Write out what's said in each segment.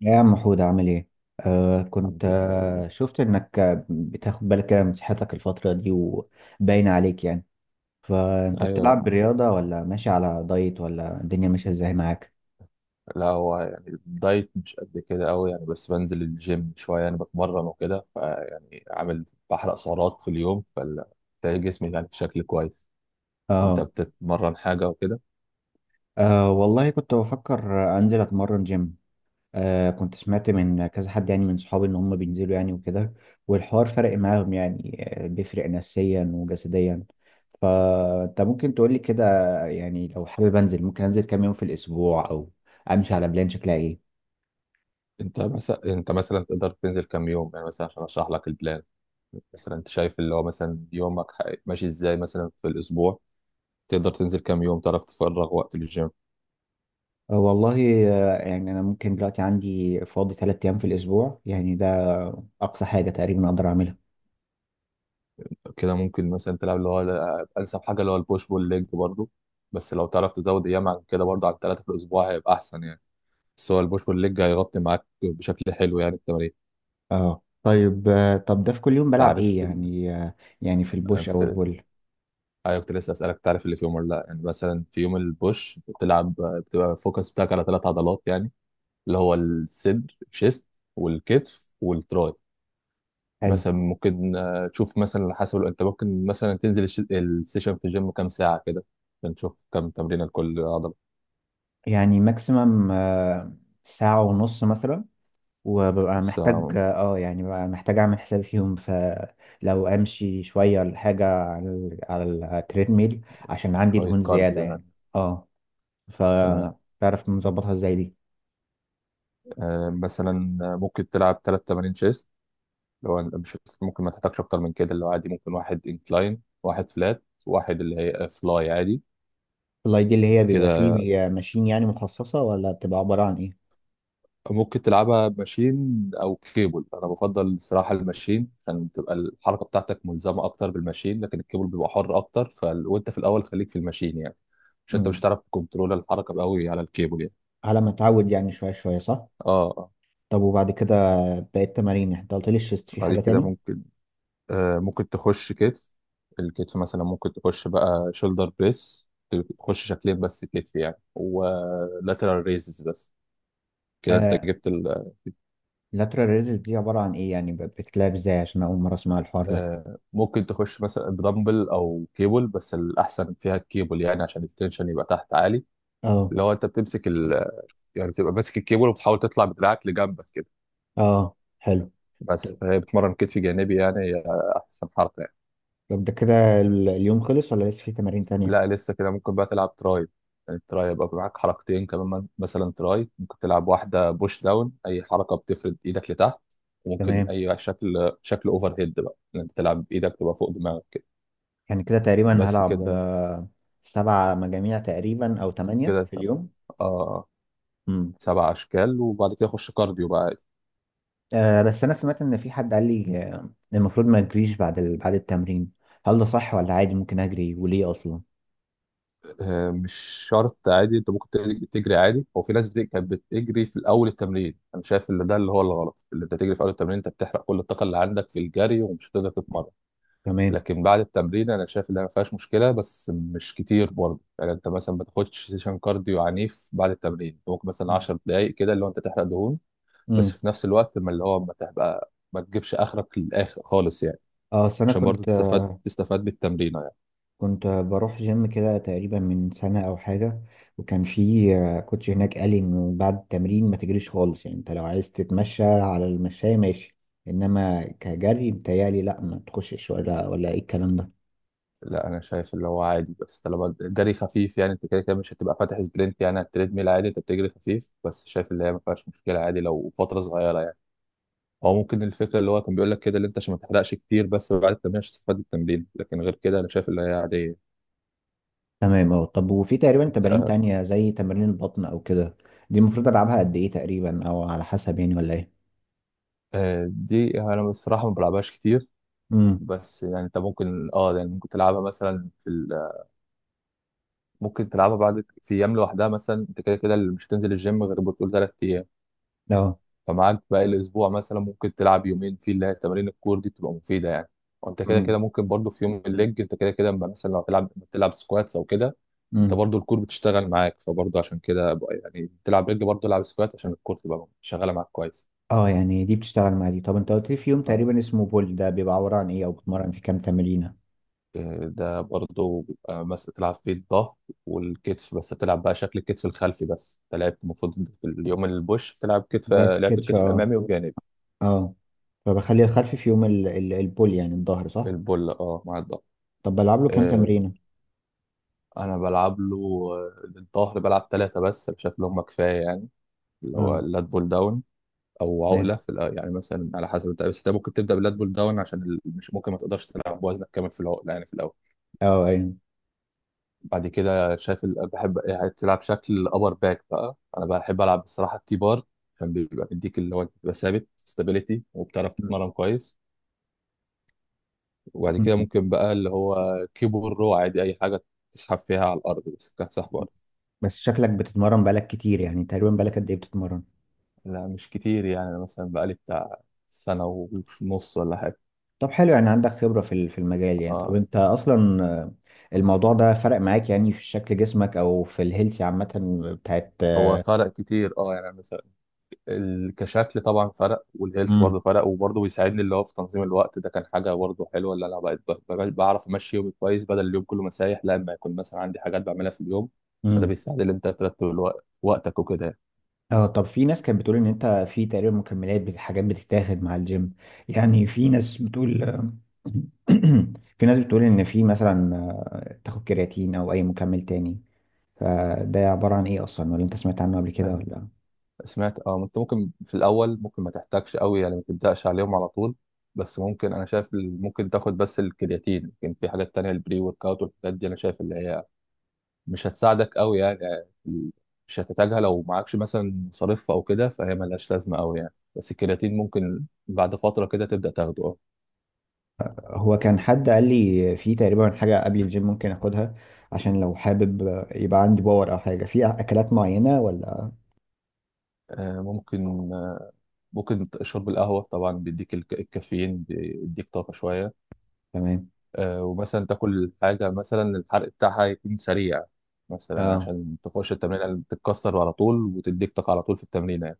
يا عم حود، عامل ايه؟ كنت الحمد لله. شفت انك بتاخد بالك كده من صحتك الفترة دي وباين عليك يعني. فانت ايوه. بتلعب بالرياضة ولا ماشي على دايت ولا الدنيا ماشية ازاي معاك؟ لا، هو يعني الدايت مش قد كده قوي يعني، بس بنزل الجيم شويه يعني بتمرن وكده، فيعني عامل بحرق سعرات في اليوم، فبتلاقي جسمي يعني بشكل كويس. انت اه. بتتمرن حاجه وكده؟ والله كنت بفكر انزل اتمرن جيم. كنت سمعت من كذا حد، يعني من صحابي، ان هم بينزلوا يعني وكده، والحوار فرق معاهم يعني. بيفرق نفسيا وجسديا. فانت ممكن تقولي كده، يعني لو حابب انزل ممكن انزل كام يوم في الاسبوع او امشي على بلان شكلها ايه. انت مثلا تقدر تنزل كام يوم يعني، مثلا عشان اشرح لك البلان. مثلا انت شايف اللي هو مثلا يومك ماشي ازاي مثلا في الاسبوع، تقدر تنزل كام يوم تعرف تفرغ وقت للجيم؟ والله، يعني انا ممكن دلوقتي عندي فاضي 3 ايام في الاسبوع، يعني ده اقصى حاجة تقريبا اقدر اعملها. كده ممكن مثلا تلعب اللي هو انسب حاجه اللي هو البوش بول ليج برضه، بس لو تعرف تزود ايام عن كده برضه عن 3 في الاسبوع هيبقى احسن يعني. بس هو البوش بول ليج هيغطي معاك بشكل حلو يعني التمارين. اه طيب، طب ده في كل يوم بلعب تعرف ايه يعني يعني في انا البوش او كنت البول؟ ايوه، كنت لسه اسالك تعرف اللي في يوم ولا لا. يعني مثلا في يوم البوش بتلعب، بتبقى الفوكس بتاعك على 3 عضلات يعني، اللي هو الصدر الشيست والكتف والتراي. حلو. مثلا ممكن تشوف مثلا حسب انت، ممكن مثلا تنزل السيشن في الجيم كام ساعه كده، عشان تشوف كام تمرينه لكل عضله. يعني ماكسيمم ساعة ونص مثلا، وببقى محتاج ساعة. اه، يعني ببقى محتاج اعمل حساب فيهم، فلو امشي شويه ولا حاجه على على التريد ميل عشان عندي شوية دهون زياده كارديو يعني. يعني. اه، تمام. فتعرف نظبطها ازاي دي؟ مثلا ممكن تلعب تلات تمارين شيست، اللي هو مش ممكن ما تحتاجش أكتر من كده. اللي هو عادي ممكن واحد انكلاين واحد فلات واحد اللي هي فلاي عادي. الاي دي اللي هي بيبقى كده فيه ماشين يعني مخصصه، ولا بتبقى عباره عن ايه؟ ممكن تلعبها ماشين أو كيبل. أنا بفضل الصراحة الماشين عشان تبقى الحركة بتاعتك ملزمة أكتر بالماشين، لكن الكيبل بيبقى حر أكتر. وأنت في الأول خليك في الماشين يعني، عشان أنت مش امم، هتعرف تكنترول الحركة أوي على الكيبل يعني. على ما اتعود يعني، شويه شويه، صح؟ اه. آه. طب وبعد كده باقي التمارين انت قلت لي الشيست، في بعد حاجه كده تاني؟ ممكن تخش كتف. الكتف مثلا ممكن تخش بقى شولدر بريس. تخش شكلين بس كتف يعني، ولاترال ريزز بس. كده انت آه جبت. lateral raises دي عباره عن ايه يعني، بتتلعب ازاي؟ عشان اول مره اسمع الحوار ده. ممكن تخش مثلا بدمبل او كيبل، بس الاحسن فيها الكيبل يعني عشان التنشن يبقى تحت عالي. اه. اللي هو انت بتمسك. يعني بتبقى ماسك الكيبل وبتحاول تطلع بدراعك لجنبك كده. اه حلو. بس فهي بتمرن كتف جانبي يعني، هي احسن حركه. طب ده كده اليوم خلص ولا لسه في تمارين تانية؟ لا، لسه كده ممكن بقى تلعب تراي. يعني التراي يبقى معاك حركتين كمان مثلا تراي ممكن تلعب واحدة بوش داون، أي حركة بتفرد إيدك لتحت. وممكن تمام، أي شكل أوفر هيد بقى، إن أنت تلعب بإيدك تبقى فوق دماغك كده. يعني كده تقريبا بس هلعب كده. 7 مجاميع تقريبا أو تمانية كده في تمام. اليوم آه. مم. سبع أشكال وبعد كده خش كارديو بقى. آه بس أنا سمعت إن في حد قال لي المفروض ما أجريش بعد بعد التمرين. هل ده صح ولا عادي ممكن أجري، وليه أصلا؟ مش شرط. عادي أنت ممكن تجري عادي. هو في ناس كانت بتجري في الأول التمرين، أنا شايف إن ده اللي هو الغلط، اللي أنت تجري في أول التمرين أنت بتحرق كل الطاقة اللي عندك في الجري ومش هتقدر تتمرن. تمام. لكن بعد التمرين انا شايف انها ما فيهاش مشكله، بس مش كتير برضه يعني. انت مثلا ما تاخدش سيشن كارديو عنيف بعد التمرين، أنت ممكن مثلا مم. 10 دقائق كده اللي هو انت تحرق دهون، بس مم. في نفس الوقت ما اللي هو ما تبقى ما تجيبش اخرك للاخر خالص يعني، اه أصل أنا عشان برضه كنت، تستفاد بالتمرين يعني. كنت بروح جيم كده تقريبا من سنة أو حاجة، وكان في كوتش هناك قال لي إنه بعد التمرين ما تجريش خالص، يعني أنت لو عايز تتمشى على المشاية ماشي، إنما كجري بتهيألي لأ ما تخشش، ولا إيه الكلام ده؟ لا، انا شايف اللي هو عادي بس طالما الجري خفيف يعني. انت كده كده مش هتبقى فاتح سبرنت يعني على التريدميل، عادي انت بتجري خفيف، بس شايف اللي هي ما فيهاش مشكله، عادي لو فتره صغيره يعني. او ممكن الفكره اللي هو كان بيقول لك كده، اللي انت عشان ما تحرقش كتير بس بعد التمرين عشان تستفاد التمرين، لكن غير كده انا شايف اللي هي عاديه. تمام أه. طب وفي تقريبا انت تمارين آه، تانية زي تمارين البطن أو كده، دي المفروض ألعبها قد إيه تقريبا أو على حسب يعني، ولا إيه؟ دي انا بصراحه ما بلعبهاش كتير. امم. بس يعني انت ممكن اه يعني ممكن تلعبها مثلا في. ممكن تلعبها بعد في ايام لوحدها. مثلا انت كده كده اللي مش هتنزل الجيم غير بتقول 3 ايام، أه. فمعاك باقي الاسبوع مثلا ممكن تلعب يومين فيه اللي هي تمارين الكور دي، بتبقى مفيده يعني. وانت كده كده امم. ممكن برضو في يوم الليج، انت كده كده اما مثلا لو تلعب سكواتس او كده، انت امم. برضو الكور بتشتغل معاك. فبرضو عشان كده بقى يعني بتلعب رجل، برضو العب سكوات عشان الكور تبقى شغاله معاك كويس. أه يعني دي بتشتغل مع دي. طب أنت قلت لي في يوم ف- تقريبا اسمه بول، ده بيبقى عبارة عن إيه أو بتمرن في كام تمرينة؟ ده برضو بيبقى مثلا تلعب فيه الظهر والكتف، بس بتلعب بقى شكل الكتف الخلفي بس. انت لعبت المفروض في اليوم البوش بتلعب كتف، لعبت لعبت كتف الكتف أه. الامامي والجانبي. اه. فبخلي الخلفي في يوم البول يعني الظهر، صح؟ البول اه، مع الظهر. طب بلعب له كام آه، تمرينه؟ انا بلعب له الظهر، بلعب 3 بس أنا شايف اللي هم كفاية يعني. اللي هو اه. اللات بول داون او تمام. عقلة في يعني مثلا على حسب انت. بس انت ممكن تبدأ باللات بول داون عشان مش ممكن ما تقدرش تلعب بوزنك كامل في العقلة يعني في الاول. اه ايوه. بعد كده شايف بحب يعني تلعب شكل ابر باك بقى. انا بحب العب الصراحة التي بار عشان بيبقى مديك، اللي هو أنت بتبقى ثابت ستابيليتي وبتعرف م- تتمرن كويس. وبعد كده م- ممكن بقى اللي هو كيبورو عادي، اي حاجة تسحب فيها على الارض بس كسحب. م. بس شكلك بتتمرن بقالك كتير، يعني تقريبا بقالك قد ايه بتتمرن؟ لا، مش كتير يعني. أنا مثلا بقالي بتاع سنة ونص ولا حاجة. طب حلو، يعني عندك خبرة في في المجال يعني. طب اه. انت اصلا الموضوع ده فرق معاك يعني في شكل جسمك او في الهيلث عامة بتاعت. هو فرق كتير اه يعني، مثلا كشكل طبعا فرق، والهيلث برضه فرق، وبرضه بيساعدني اللي هو في تنظيم الوقت. ده كان حاجة برضه حلوة، اللي أنا بقيت بعرف أمشي يومي كويس بدل اليوم كله مسايح لما يكون مثلا عندي حاجات بعملها في اليوم. فده امم. بيساعد إن أنت ترتب وقتك وكده يعني. اه طب في ناس كانت بتقول ان انت في تقريبا مكملات حاجات بتتاخد مع الجيم، يعني في ناس بتقول، في ناس بتقول ان في مثلا تاخد كرياتين او اي مكمل تاني. فده عبارة عن ايه اصلا، ولا انت سمعت عنه قبل كده ولا؟ سمعت اه. انت ممكن في الاول ممكن ما تحتاجش قوي يعني، ما تبداش عليهم على طول. بس ممكن انا شايف ممكن تاخد بس الكرياتين، لكن في حاجات تانية البري ورك اوت والحاجات دي انا شايف اللي هي مش هتساعدك قوي يعني مش هتحتاجها لو معكش مثلا مصاريف او كده، فهي ملهاش لازمه قوي يعني، بس الكرياتين ممكن بعد فتره كده تبدا تاخده اه. هو كان حد قال لي في تقريبا حاجة قبل الجيم ممكن اخدها، عشان لو حابب يبقى عندي باور، او حاجة في اكلات معينة ولا؟ آه، ممكن آه، ممكن شرب القهوه طبعا، بيديك الكافيين، بيديك طاقه شويه. تمام. ومثلا تاكل حاجة مثلا الحرق بتاعها يكون سريع، مثلا اه عشان تخش التمرينة اللي بتتكسر على طول وتديك طاقة على طول في التمرينة يعني.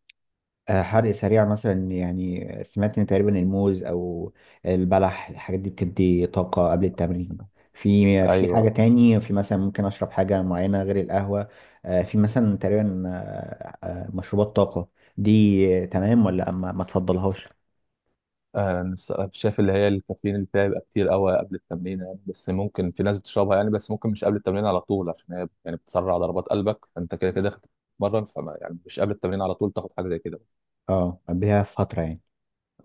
حرق سريع مثلا، يعني سمعت ان تقريبا الموز او البلح الحاجات دي بتدي طاقة قبل التمرين. في حاجة أيوة. تاني، في مثلا ممكن اشرب حاجة معينة غير القهوة؟ في مثلا تقريبا مشروبات طاقة، دي تمام ولا ما تفضلهاش؟ أنا الصراحة شايف اللي هي الكافيين اللي فيها بيبقى كتير قوي قبل التمرين يعني، بس ممكن في ناس بتشربها يعني، بس ممكن مش قبل التمرين على طول عشان هي يعني بتسرع ضربات قلبك، فأنت كده كده داخل تتمرن، فما يعني مش قبل التمرين على طول تاخد حاجة زي كده. اه قبلها فترة يعني.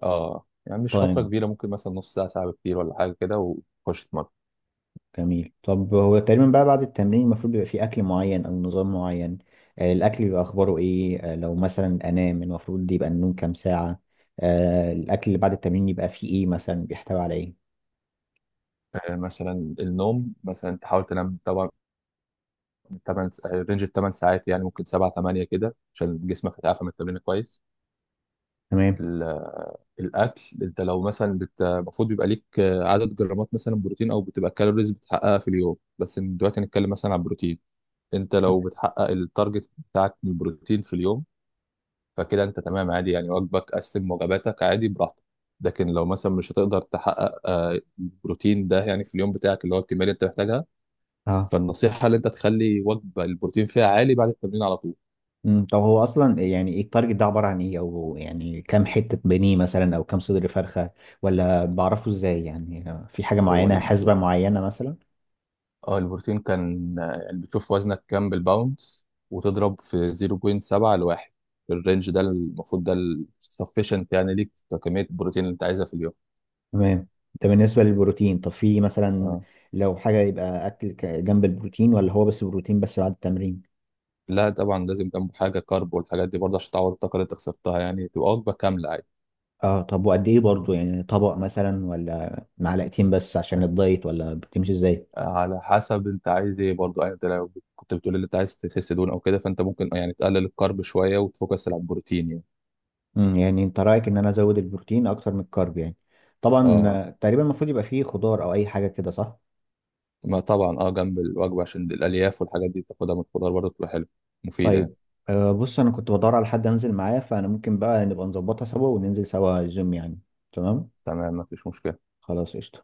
اه، يعني مش فترة طيب كبيرة، ممكن مثلا نص ساعة ساعة كتير ولا حاجة كده، وتخش تتمرن. جميل. طب هو تقريبا بقى بعد التمرين المفروض بيبقى فيه أكل معين أو نظام معين؟ الأكل بيبقى أخباره إيه؟ لو مثلا أنام المفروض يبقى النوم كام ساعة؟ الأكل اللي بعد التمرين يبقى فيه إيه مثلا، بيحتوي على إيه؟ مثلا النوم مثلا تحاول تنام طبعا تمن، رينج التمن ساعات يعني، ممكن 7 8 كده عشان جسمك يتعافى من التمرين كويس. تمام ال- الاكل انت لو مثلا المفروض بيبقى ليك عدد جرامات مثلا بروتين او بتبقى كالوريز بتحققها في اليوم. بس دلوقتي نتكلم مثلا عن البروتين. انت لو بتحقق التارجت بتاعك من البروتين في اليوم، فكده انت تمام عادي يعني، وجبك قسم وجباتك عادي براحتك. لكن لو مثلا مش هتقدر تحقق البروتين ده يعني في اليوم بتاعك، اللي هو الكميه اللي انت محتاجها، أه. فالنصيحه اللي انت تخلي وجبه البروتين فيها عالي بعد التمرين على طول. أمم، طب هو أصلا يعني إيه التارجت ده، عبارة عن إيه، أو يعني كام حتة بانيه مثلا أو كام صدر فرخة، ولا بعرفه إزاي يعني؟ في حاجة هو معينة، حسبة البروتين معينة مثلا؟ اه البروتين كان يعني بتشوف وزنك كام بالباوندز، وتضرب في 0.7 لواحد. الرينج ده المفروض ده السفشنت يعني ليك كمية البروتين اللي انت عايزها في اليوم. تمام. ده بالنسبة للبروتين. طب في مثلا اه. لو حاجة يبقى أكل جنب البروتين، ولا هو بس بروتين بس بعد التمرين؟ لا طبعا، لازم جنبه حاجة كارب والحاجات دي برضه عشان تعوض الطاقة اللي انت خسرتها يعني، تبقى وجبة كاملة عادي. اه طب وقد إيه برضو، يعني طبق مثلا ولا معلقتين بس عشان الدايت، ولا بتمشي إزاي؟ على حسب انت عايز ايه برضه يعني. انت لو كنت بتقول اللي انت عايز تخس دهون او كده فانت ممكن يعني تقلل الكارب شوية وتفوكس على البروتين يعني. امم، يعني أنت رأيك إن أنا أزود البروتين أكتر من الكارب يعني. طبعا اه. تقريبا المفروض يبقى فيه خضار أو أي حاجة كده، صح؟ ما طبعا اه، جنب الوجبة عشان الألياف والحاجات دي بتاخدها من الخضار، برضه بتبقى حلوة مفيدة يعني. طيب. آه بص أنا كنت بدور على حد أنزل معاه، فأنا ممكن بقى نبقى نظبطها سوا وننزل سوا الجيم يعني. تمام؟ تمام. مفيش مشكلة. خلاص قشطة.